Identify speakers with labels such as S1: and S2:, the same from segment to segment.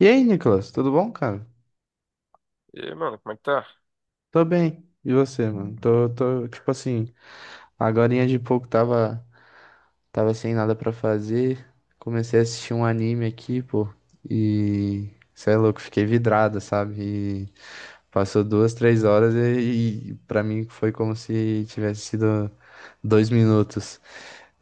S1: E aí, Nicolas, tudo bom, cara?
S2: E aí, mano, como é que tá?
S1: Tô bem. E você, mano? Tô, tipo assim, agorinha de pouco tava sem nada pra fazer. Comecei a assistir um anime aqui, pô. E, cê é louco, fiquei vidrado, sabe? E passou duas, três horas e pra mim foi como se tivesse sido 2 minutos.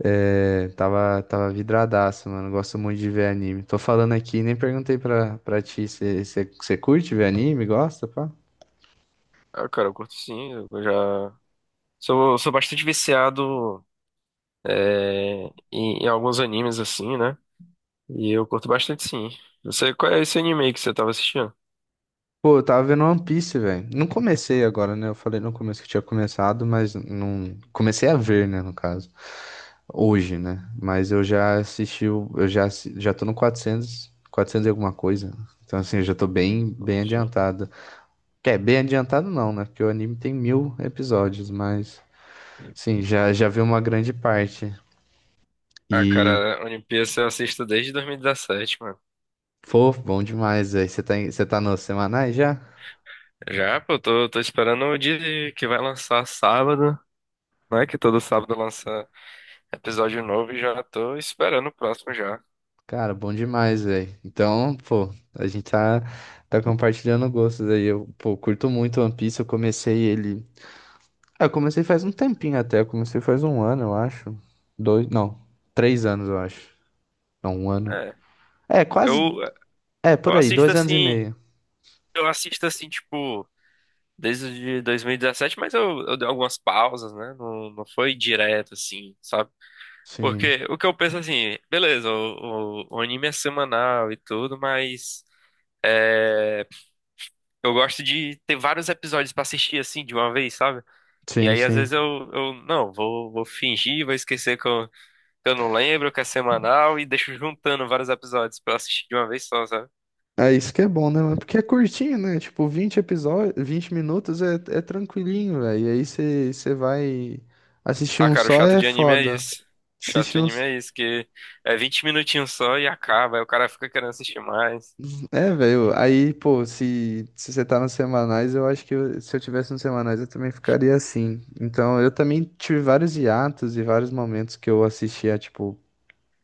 S1: É, tava vidradaço, mano. Gosto muito de ver anime. Tô falando aqui, nem perguntei pra ti, você curte ver anime? Gosta, pá?
S2: Ah, cara, eu curto sim, eu já... Sou bastante viciado é, em alguns animes, assim, né? E eu curto bastante sim. Você, qual é esse anime aí que você tava assistindo?
S1: Pô, eu tava vendo One Piece, velho. Não comecei agora, né? Eu falei no começo que tinha começado, mas não. Comecei a ver, né, no caso. Hoje, né? Mas eu já assisti, já tô no 400, 400 e alguma coisa. Então, assim, eu já tô bem, bem
S2: Entendi.
S1: adiantado. Quer, bem adiantado não, né? Porque o anime tem 1.000 episódios, mas, sim, já vi uma grande parte.
S2: Ah,
S1: E,
S2: cara, One Piece eu assisto desde 2017, mano.
S1: pô, bom demais, velho. Você tá, você tá nos semanais já?
S2: Já, pô, eu tô esperando o dia que vai lançar sábado, né? Que todo sábado lança episódio novo e já tô esperando o próximo já.
S1: Cara, bom demais, velho. Então, pô, a gente tá compartilhando gostos aí. Eu, pô, curto muito One Piece. Eu comecei ele. Ah, eu comecei faz um tempinho até. Eu comecei faz um ano, eu acho. Dois, não, 3 anos, eu acho. Não, um ano.
S2: É,
S1: É, quase.
S2: eu,
S1: É,
S2: eu
S1: por aí,
S2: assisto
S1: 2 anos e
S2: assim,
S1: meio.
S2: eu assisto assim, tipo... desde 2017, mas eu dei algumas pausas, né? Não foi direto assim, sabe?
S1: Sim,
S2: Porque o que eu penso assim, beleza, o anime é semanal e tudo, mas é, eu gosto de ter vários episódios pra assistir assim de uma vez, sabe? E
S1: sim,
S2: aí às
S1: sim.
S2: vezes eu não, vou, vou fingir, vou esquecer que eu não lembro, que é semanal e deixo juntando vários episódios pra assistir de uma vez só, sabe?
S1: É isso que é bom, né, mano? Porque é curtinho, né? Tipo, 20 episódios, 20 minutos é tranquilinho, velho. E aí você vai assistir
S2: Ah,
S1: um
S2: cara, o
S1: só
S2: chato
S1: é
S2: de anime é
S1: foda.
S2: isso. O chato de
S1: Assistir um.
S2: anime é isso, que é 20 minutinhos só e acaba, aí o cara fica querendo assistir mais.
S1: É, velho, aí, pô, se você tá nos semanais, eu acho que se eu tivesse nos semanais eu também ficaria assim. Então, eu também tive vários hiatos e vários momentos que eu assistia, tipo,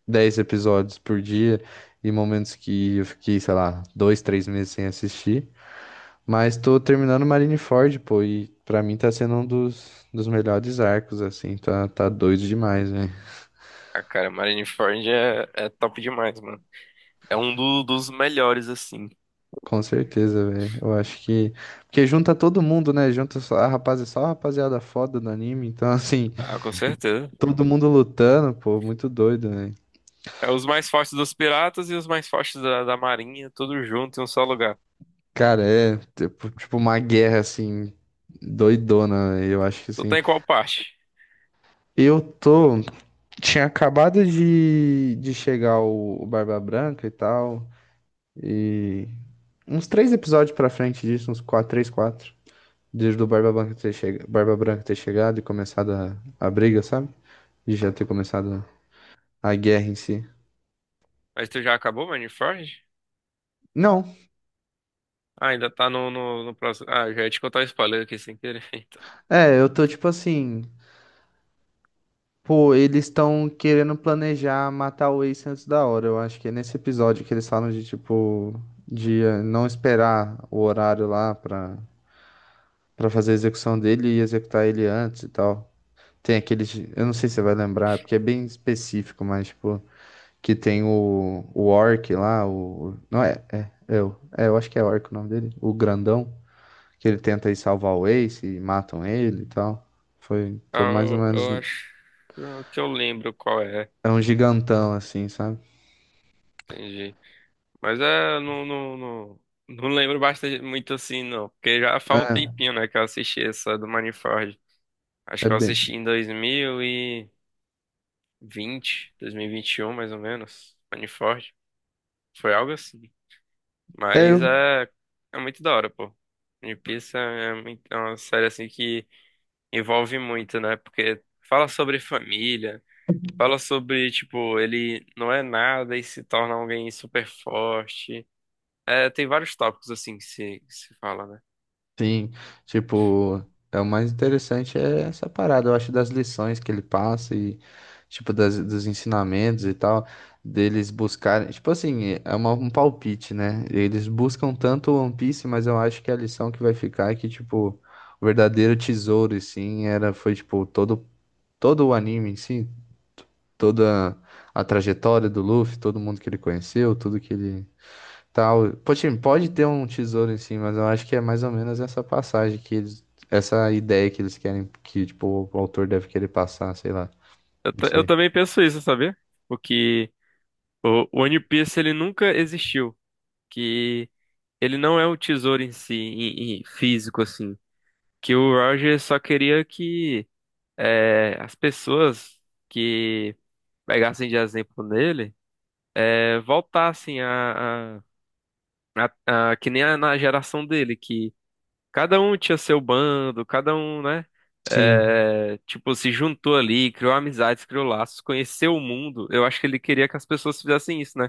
S1: 10 episódios por dia e momentos que eu fiquei, sei lá, dois, três meses sem assistir. Mas tô terminando Marineford, pô, e pra mim tá sendo um dos melhores arcos, assim, tá doido demais.
S2: Ah, cara, Marineford é, é top demais, mano. É um dos melhores, assim.
S1: Com certeza, velho. Eu acho que. Porque junta todo mundo, né? Junta só a rapaziada foda do anime. Então, assim,
S2: Ah, com certeza.
S1: todo mundo lutando, pô, muito doido, né?
S2: É os mais fortes dos piratas e os mais fortes da marinha, tudo junto em um só lugar.
S1: Cara, é tipo uma guerra, assim, doidona, véi. Eu acho que,
S2: Tu
S1: assim.
S2: tá em qual parte?
S1: Eu tô. Tinha acabado de chegar o Barba Branca e tal. E. Uns 3 episódios pra frente disso, uns quatro, três, quatro. Desde o Barba Branca ter, Barba Branca ter chegado e começado a briga, sabe? De já ter começado a guerra em si.
S2: Mas tu já acabou, Marineford?
S1: Não,
S2: Ah, ainda tá no próximo. Ah, já ia te contar o spoiler aqui sem querer. Então.
S1: é, eu tô tipo assim. Pô, eles estão querendo planejar matar o Ace antes da hora. Eu acho que é nesse episódio que eles falam de tipo. De não esperar o horário lá pra fazer a execução dele e executar ele antes e tal. Tem aqueles. Eu não sei se você vai lembrar, porque é bem específico, mas tipo. Que tem o Orc lá, o. Não é, é, eu acho que é Orc o nome dele, o grandão. Que ele tenta ir salvar o Ace e matam ele e tal. Foi, tô
S2: Ah,
S1: mais ou
S2: eu,
S1: menos,
S2: eu acho que eu lembro qual é.
S1: é um gigantão assim, sabe?
S2: Entendi. Mas é, não lembro bastante muito assim, não. Porque já faz um
S1: É,
S2: tempinho, né, que eu assisti essa do Manifold. Acho
S1: é
S2: que eu
S1: bem,
S2: assisti em dois dois mil mil e vinte, dois mil e vinte e um, mais ou menos. Manifold. Foi algo assim.
S1: é,
S2: Mas
S1: eu-
S2: é, é muito da hora, pô. One Piece é, muito, é uma série assim que envolve muito, né? Porque fala sobre família, fala sobre, tipo, ele não é nada e se torna alguém super forte. É, tem vários tópicos assim que se fala, né?
S1: sim, tipo, o mais interessante é essa parada, eu acho, das lições que ele passa e, tipo, das, dos ensinamentos e tal, deles buscarem, tipo assim, é um palpite, né? Eles buscam tanto o One Piece, mas eu acho que a lição que vai ficar é que, tipo, o verdadeiro tesouro, e sim, era, foi, tipo, todo o anime em si. Toda a trajetória do Luffy, todo mundo que ele conheceu, tudo que ele tal. Pode ter um tesouro em si, mas eu acho que é mais ou menos essa passagem que eles, essa ideia que eles querem que tipo o autor deve querer passar, sei lá,
S2: Eu,
S1: não
S2: eu
S1: sei.
S2: também penso isso, sabia? Porque o One Piece ele nunca existiu. Que ele não é o tesouro em si, em físico, assim. Que o Roger só queria que. É, as pessoas que pegassem de exemplo nele é, voltassem a, que nem na geração dele, que cada um tinha seu bando, cada um, né?
S1: Sim,
S2: É, tipo, se juntou ali, criou amizades, criou laços, conheceu o mundo. Eu acho que ele queria que as pessoas fizessem isso, né?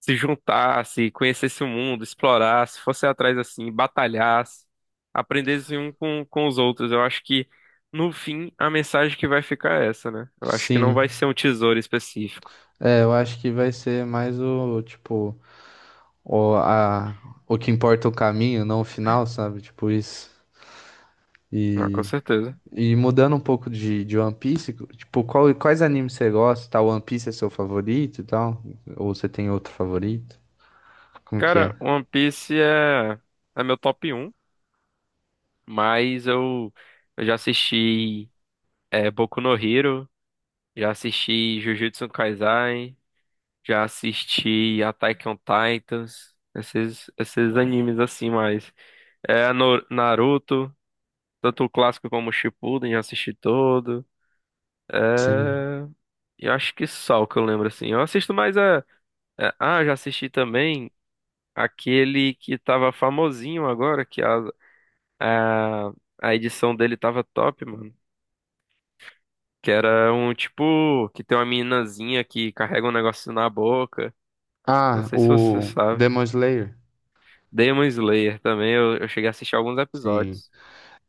S2: Se juntasse, conhecesse o mundo, explorasse, fosse atrás assim, batalhasse, aprendesse um com os outros. Eu acho que, no fim, a mensagem que vai ficar é essa, né? Eu acho que não
S1: sim.
S2: vai ser um tesouro específico.
S1: É, eu acho que vai ser mais o tipo o a o que importa é o caminho, não o final, sabe? Tipo isso.
S2: Ah, com
S1: E
S2: certeza.
S1: Mudando um pouco de One Piece, tipo, quais animes você gosta? Tá, One Piece é seu favorito e tal? Ou você tem outro favorito? Como que
S2: Cara,
S1: é?
S2: One Piece é, é meu top um, mas eu já assisti é, Boku no Hero, já assisti Jujutsu Kaisen, já assisti Attack on Titans, esses, esses animes assim mais. É Naruto, tanto o clássico como o Shippuden, já assisti todo.
S1: Sim.
S2: É, eu acho que só o que eu lembro assim. Eu assisto mais a, é, ah, já assisti também aquele que tava famosinho agora, que a, a edição dele tava top, mano. Que era um tipo que tem uma meninazinha que carrega um negócio na boca. Não
S1: Ah,
S2: sei se você
S1: o
S2: sabe.
S1: Demon Slayer.
S2: Demon Slayer também, eu cheguei a assistir alguns
S1: Sim.
S2: episódios.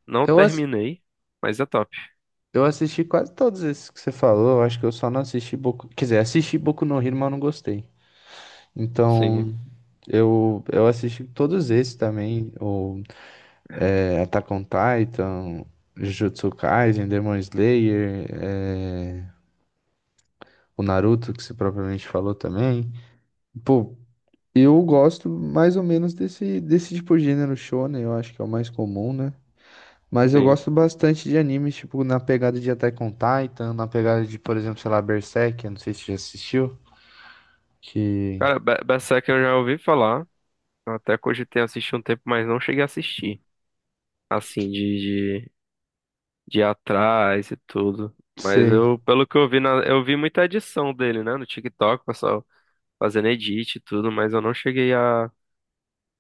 S2: Não
S1: Eu, ass-
S2: terminei, mas é top.
S1: eu assisti quase todos esses que você falou. Eu acho que eu só não assisti Boku. Quer dizer, assisti Boku no Hero, mas eu não gostei.
S2: Sim,
S1: Então, eu assisti todos esses também. O Attack on Titan, Jujutsu Kaisen, Demon Slayer. É, o Naruto, que você propriamente falou também. Pô, eu gosto mais ou menos desse tipo de gênero shonen, eu acho que é o mais comum, né? Mas eu
S2: sim.
S1: gosto bastante de animes, tipo, na pegada de Attack on Titan, na pegada de, por exemplo, sei lá, Berserk, eu não sei se você já assistiu, que...
S2: Cara, Berserk eu já ouvi falar. Eu até cogitei assistir um tempo, mas não cheguei a assistir. Assim, de ir atrás e tudo. Mas
S1: Sei,
S2: eu, pelo que eu vi, na, eu vi muita edição dele, né? No TikTok, o pessoal fazendo edit e tudo, mas eu não cheguei a,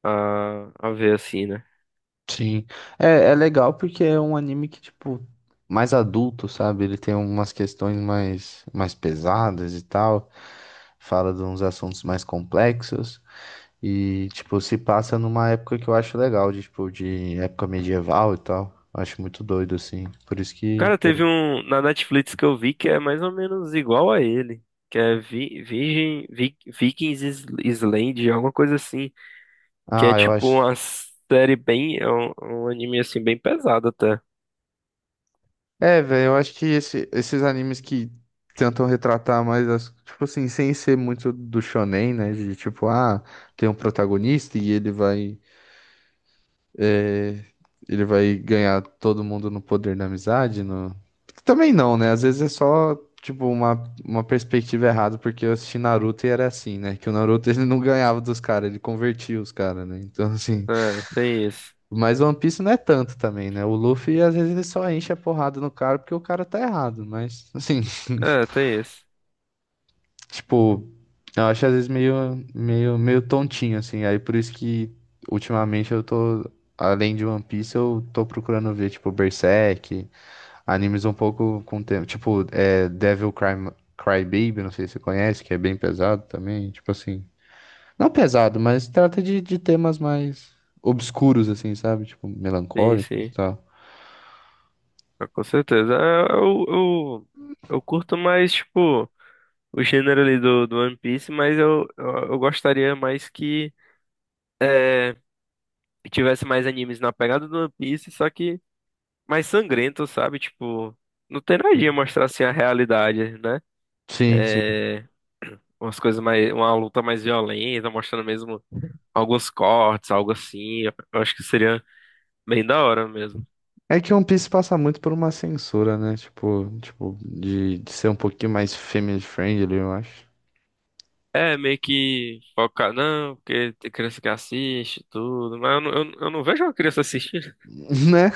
S2: a, a ver assim, né?
S1: sim. É legal porque é um anime que, tipo, mais adulto, sabe? Ele tem umas questões mais pesadas e tal. Fala de uns assuntos mais complexos. E, tipo, se passa numa época que eu acho legal, de, tipo, de época medieval e tal. Eu acho muito doido, assim. Por isso
S2: Cara,
S1: que
S2: teve
S1: eu.
S2: um na Netflix que eu vi que é mais ou menos igual a ele. Que é Vikings Island, alguma coisa assim. Que é
S1: Ah, eu
S2: tipo
S1: acho.
S2: uma série bem. É um, um anime assim, bem pesado até.
S1: É, velho, eu acho que esses animes que tentam retratar mais as. Tipo assim, sem ser muito do shonen, né? De tipo, ah, tem um protagonista e É, ele vai ganhar todo mundo no poder da amizade, no... Também não, né? Às vezes é só, tipo, uma perspectiva errada, porque eu assisti Naruto e era assim, né? Que o Naruto ele não ganhava dos caras, ele convertia os caras, né? Então, assim...
S2: É, tem isso.
S1: Mas One Piece não é tanto também, né? O Luffy, às vezes, ele só enche a porrada no cara porque o cara tá errado, mas, assim...
S2: É, tem isso.
S1: Tipo, eu acho às vezes meio tontinho, assim. Aí por isso que ultimamente eu tô, além de One Piece, eu tô procurando ver, tipo, Berserk, animes um pouco com tema. Tipo, é, Devil Cry, Cry Baby, não sei se você conhece, que é bem pesado também. Tipo assim. Não pesado, mas trata de temas mais obscuros, assim, sabe? Tipo,
S2: Sim,
S1: melancólicos e
S2: sim.
S1: tal.
S2: Ah, com certeza. É, eu curto mais, tipo, o gênero ali do One Piece, mas eu gostaria mais que, é, que tivesse mais animes na pegada do One Piece, só que mais sangrento, sabe? Tipo, não tem nada de mostrar assim a realidade, né?
S1: Sim, sim.
S2: É, umas coisas mais, uma luta mais violenta, mostrando mesmo alguns cortes, algo assim. Eu acho que seria bem da hora mesmo.
S1: É que One Piece passa muito por uma censura, né? Tipo de ser um pouquinho mais family friendly, eu acho.
S2: É, meio que focar, não, porque tem criança que assiste e tudo, mas eu não, eu não vejo uma criança assistindo.
S1: Né?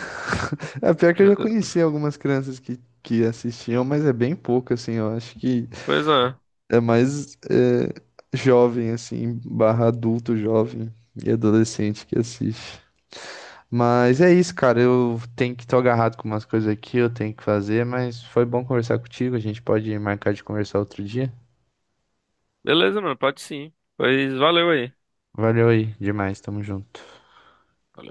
S1: É pior que eu já conheci algumas crianças que assistiam, mas é bem pouco, assim. Eu acho que
S2: Pois é,
S1: é mais é, jovem, assim, barra adulto jovem e adolescente que assiste. Mas é isso, cara. Eu tenho que estar agarrado com umas coisas aqui, eu tenho que fazer, mas foi bom conversar contigo. A gente pode marcar de conversar outro dia.
S2: beleza, mano, pode sim. Pois valeu aí.
S1: Valeu aí, demais, tamo junto.
S2: Valeu.